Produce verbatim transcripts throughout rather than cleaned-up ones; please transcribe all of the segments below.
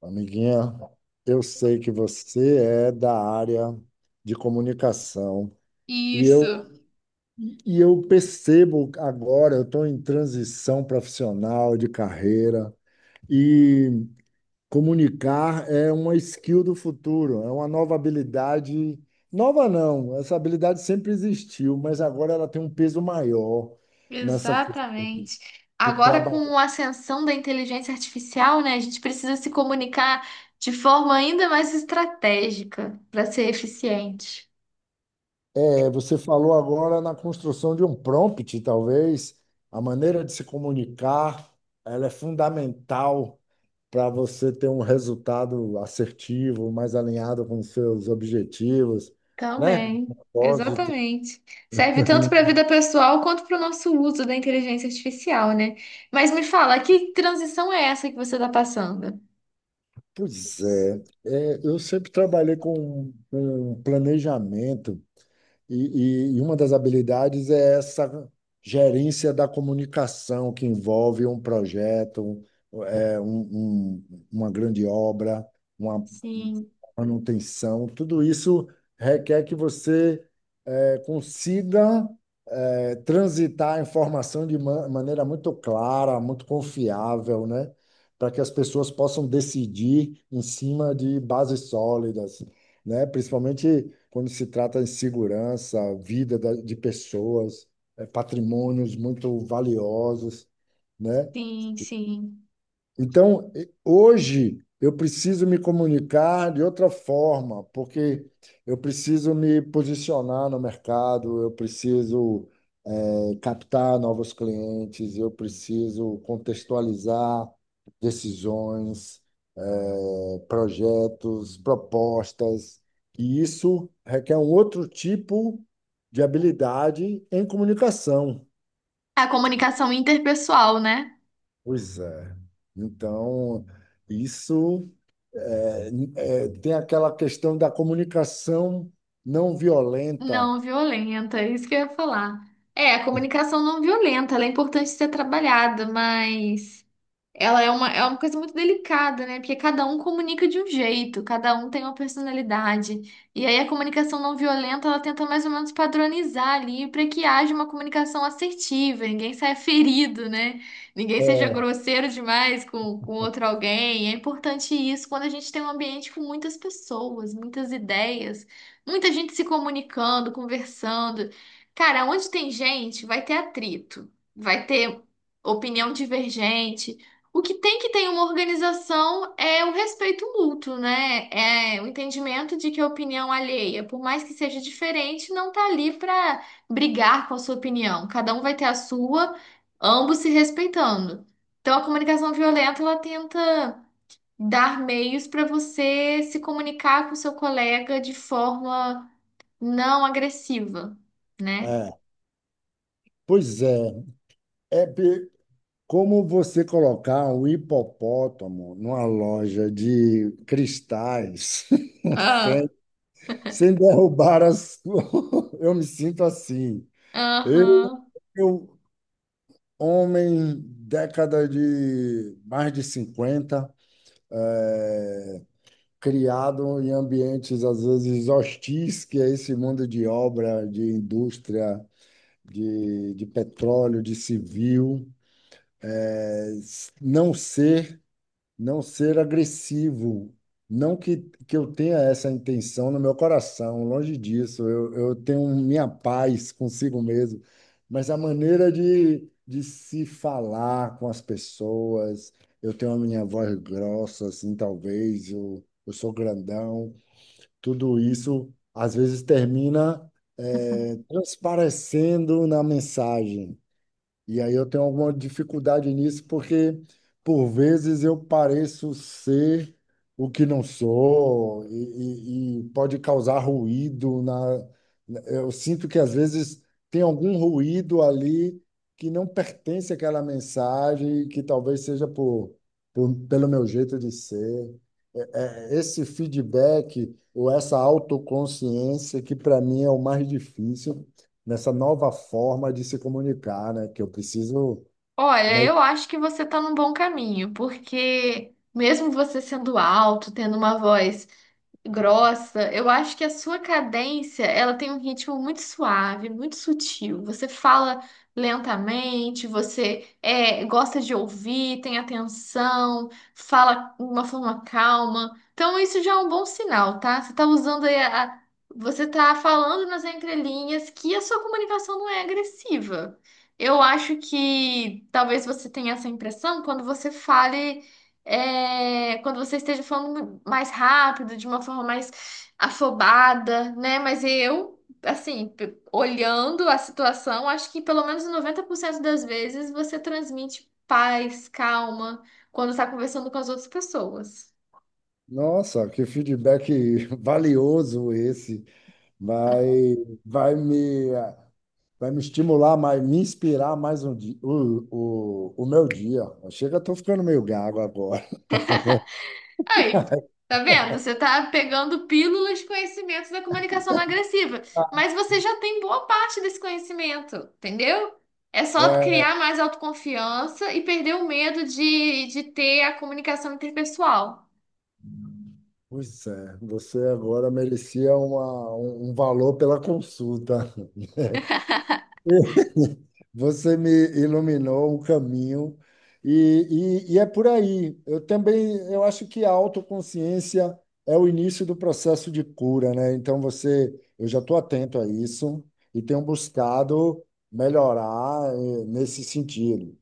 Amiguinha, eu sei que você é da área de comunicação e eu, Isso, e eu percebo agora, eu estou em transição profissional de carreira e comunicar é uma skill do futuro, é uma nova habilidade. Nova não, essa habilidade sempre existiu, mas agora ela tem um peso maior nessa questão exatamente. de Agora, trabalhar. com a ascensão da inteligência artificial, né, a gente precisa se comunicar de forma ainda mais estratégica para ser eficiente. É, você falou agora na construção de um prompt, talvez. A maneira de se comunicar, ela é fundamental para você ter um resultado assertivo, mais alinhado com os seus objetivos, né? Também, Propósito. exatamente. Serve tanto para a vida pessoal quanto para o nosso uso da inteligência artificial, né? Mas me fala, que transição é essa que você está passando? Pois é, É, eu sempre trabalhei com, com planejamento. E, e- e uma das habilidades é essa gerência da comunicação que envolve um projeto, é, um- um- uma grande obra, uma Sim, manutenção. Tudo isso requer que você eh, consiga é, transitar a informação de ma- maneira muito clara, muito confiável, né? Para que as pessoas possam decidir em cima de bases sólidas, né? Principalmente quando se trata de segurança, vida da- de pessoas, é, patrimônios muito valiosos, né? sim, sim. Então, hoje eu preciso me comunicar de outra forma, porque eu preciso me posicionar no mercado, eu preciso eh, captar novos clientes, eu preciso contextualizar decisões, eh, projetos, propostas, e isso requer um outro tipo de habilidade em comunicação. A comunicação interpessoal, né? Pois é. Então, isso é, é, tem aquela questão da comunicação não violenta. Não violenta, é isso que eu ia falar. É, a comunicação não violenta, ela é importante ser trabalhada, mas ela é uma, é uma coisa muito delicada, né? Porque cada um comunica de um jeito, cada um tem uma personalidade. E aí a comunicação não violenta, ela tenta mais ou menos padronizar ali para que haja uma comunicação assertiva, ninguém saia ferido, né? Ninguém seja É, grosseiro demais com, com outro alguém. É importante isso quando a gente tem um ambiente com muitas pessoas, muitas ideias, muita gente se comunicando, conversando. Cara, onde tem gente, vai ter atrito, vai ter opinião divergente. O que tem que ter em uma organização é o respeito mútuo, né? É o entendimento de que a opinião alheia, por mais que seja diferente, não tá ali para brigar com a sua opinião. Cada um vai ter a sua, ambos se respeitando. Então a comunicação violenta, ela tenta dar meios para você se comunicar com seu colega de forma não agressiva, né? é. Pois é, é pe- como você colocar um hipopótamo numa loja de cristais Ah, sem, sem derrubar as. Eu me sinto assim. Eu, aham. eu, homem, década de mais de cinquenta é, criado em ambientes às vezes hostis, que é esse mundo de obra, de indústria, de, de petróleo, de civil, é, s- não ser, não ser agressivo. Não que, que eu tenha essa intenção no meu coração, longe disso. Eu, eu tenho minha paz consigo mesmo, mas a maneira de, de se falar com as pessoas, eu tenho a minha voz grossa, assim, talvez, eu, eu sou grandão, tudo isso às vezes termina é, transparecendo na mensagem. E aí eu tenho alguma dificuldade nisso, porque por vezes eu pareço ser o que não sou, e, e- e pode causar ruído na. Eu sinto que às vezes tem algum ruído ali que não pertence àquela mensagem, que talvez seja por, por- pelo meu jeito de ser é, esse feedback ou essa autoconsciência que para mim é o mais difícil nessa nova forma de se comunicar, né? Que eu preciso. Olha, me- eu acho que você está num bom caminho, porque mesmo você sendo alto, tendo uma voz grossa, eu acho que a sua cadência, ela tem um ritmo muito suave, muito sutil. Você fala lentamente, você é, gosta de ouvir, tem atenção, fala de uma forma calma. Então isso já é um bom sinal, tá? Você tá usando aí a, a- você tá falando nas entrelinhas que a sua comunicação não é agressiva. Eu acho que talvez você tenha essa impressão quando você fale é, quando você esteja falando mais rápido, de uma forma mais afobada, né? Mas eu, assim, p- olhando a situação, acho que pelo menos noventa por cento das vezes você transmite paz, calma, quando está conversando com as outras pessoas. Nossa, que feedback valioso esse! Vai, vai me, vai me estimular mais, me inspirar mais um dia, o, o, o meu dia. Chega, estou ficando meio gago agora. Aí, tá vendo? Você tá pegando pílulas de conhecimentos da comunicação não agressiva, mas você já tem boa parte desse conhecimento, entendeu? É só É, criar mais autoconfiança e perder o medo de, de ter a comunicação interpessoal. pois é, você agora merecia uma, um um valor pela consulta. Você me iluminou o caminho e, e, e é por aí. Eu também, eu acho que a autoconsciência é o início do processo de cura, né? Então você, eu já estou atento a isso e tenho buscado melhorar eh, nesse sentido.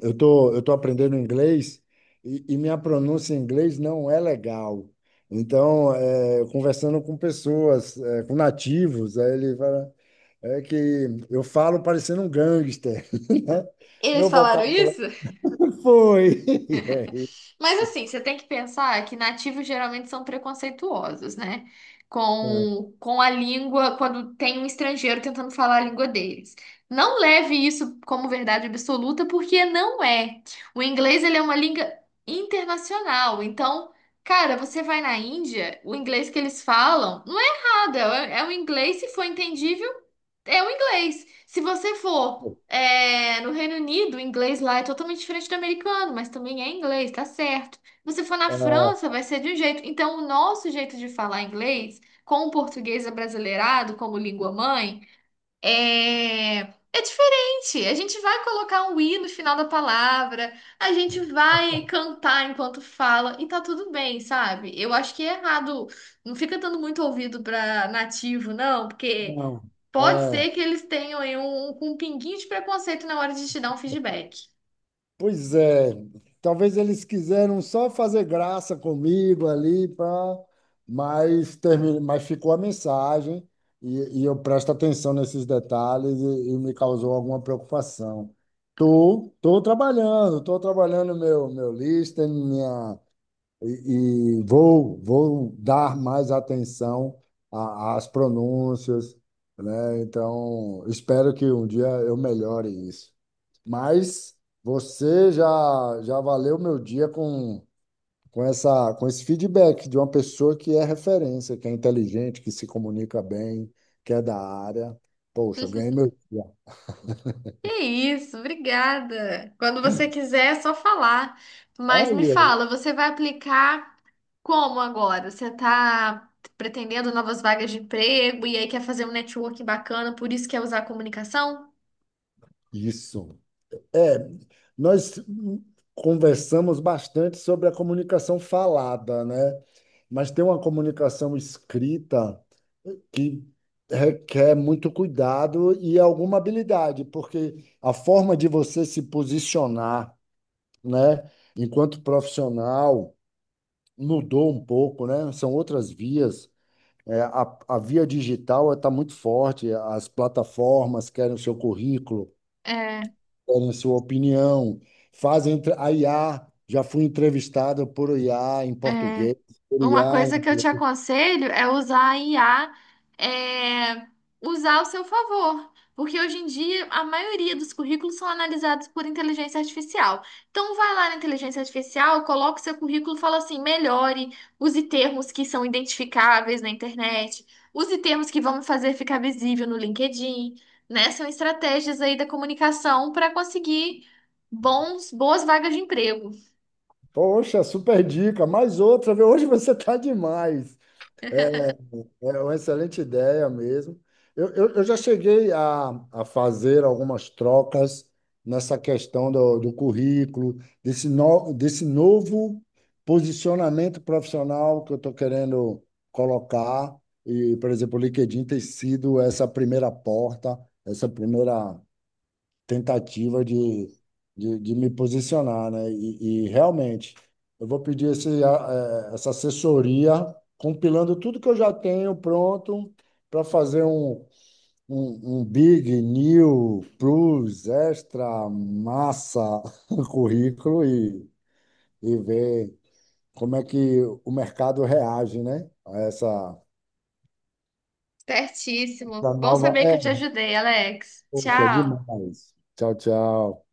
Eu tô, eu tô aprendendo inglês e, e minha pronúncia em inglês não é legal. Então, é, conversando com pessoas, é, com nativos, aí ele fala, é que eu falo parecendo um gangster, né? Eles Meu falaram vocabulário isso? foi. E aí, Mas assim, você tem que pensar que nativos geralmente são preconceituosos, né? Com, com a língua, quando tem um estrangeiro tentando falar a língua deles. Não leve isso como verdade absoluta, porque não é. O inglês, ele é uma língua internacional. Então, cara, você vai na Índia, o inglês que eles falam não é errado, é, é o inglês, se for entendível, é o inglês. Se você for é, no Reino Unido, o inglês lá é totalmente diferente do americano, mas também é inglês, tá certo. Se você for na ah, França, vai ser de um jeito. Então, o nosso jeito de falar inglês, com o português abrasileirado como língua mãe, é, é diferente. A gente vai colocar um i no final da palavra, a gente vai cantar enquanto fala, e tá tudo bem, sabe? Eu acho que é errado. Não fica dando muito ouvido pra nativo, não, porque. não, Pode ser que eles tenham aí um, um pinguinho de preconceito na hora de te dar um feedback. pois é, talvez eles quiseram só fazer graça comigo ali, pra... mas, termi... mas ficou a mensagem e, e eu presto atenção nesses detalhes e, e me causou alguma preocupação. Tô, tô trabalhando, tô trabalhando meu, meu listening, e, e vou, vou dar mais atenção a- às pronúncias, né? Então, espero que um dia eu melhore isso. Mas você já, já valeu meu dia com, com essa, com esse feedback de uma pessoa que é referência, que é inteligente, que se comunica bem, que é da área. Poxa, eu ganhei meu dia. Que isso, obrigada. Quando você quiser, é só falar. Mas me Aí, eu- fala, você vai aplicar como agora? Você está pretendendo novas vagas de emprego e aí quer fazer um networking bacana, por isso quer usar a comunicação? isso. É, nós conversamos bastante sobre a comunicação falada, né? Mas tem uma comunicação escrita que requer muito cuidado e alguma habilidade, porque a forma de você se posicionar, né, enquanto profissional mudou um pouco, né? São outras vias. É, a, a via digital está muito forte, as plataformas querem o seu currículo, É, querem sua opinião, fazem entre- a I A. Já fui entrevistado por I A em é. português, por Uma I A. em- coisa que eu te aconselho é usar a I A, é, usar ao seu favor. Porque hoje em dia a maioria dos currículos são analisados por inteligência artificial. Então vai lá na inteligência artificial, coloca o seu currículo e fala assim: melhore, use termos que são identificáveis na internet, use termos que vão me fazer ficar visível no LinkedIn, né? São estratégias aí da comunicação para conseguir bons, boas vagas de emprego. Poxa, super dica. Mais outra, viu? Hoje você tá demais. É uma excelente ideia mesmo. Eu, eu, eu já cheguei a, a fazer algumas trocas nessa questão do, do currículo, desse, no, desse novo posicionamento profissional que eu estou querendo colocar. E, por exemplo, o linked in tem sido essa primeira porta, essa primeira tentativa de, de, de me posicionar, né? E, e realmente, eu vou pedir esse, a- eh, essa assessoria, compilando tudo que eu já tenho pronto para fazer um, um, um Big, New, Plus, Extra, Massa currículo e, e ver como é que o mercado reage, né? A essa, essa Certíssimo. Bom nova. saber que É, eu te ajudei, Alex. poxa, Tchau. demais. Tchau, tchau.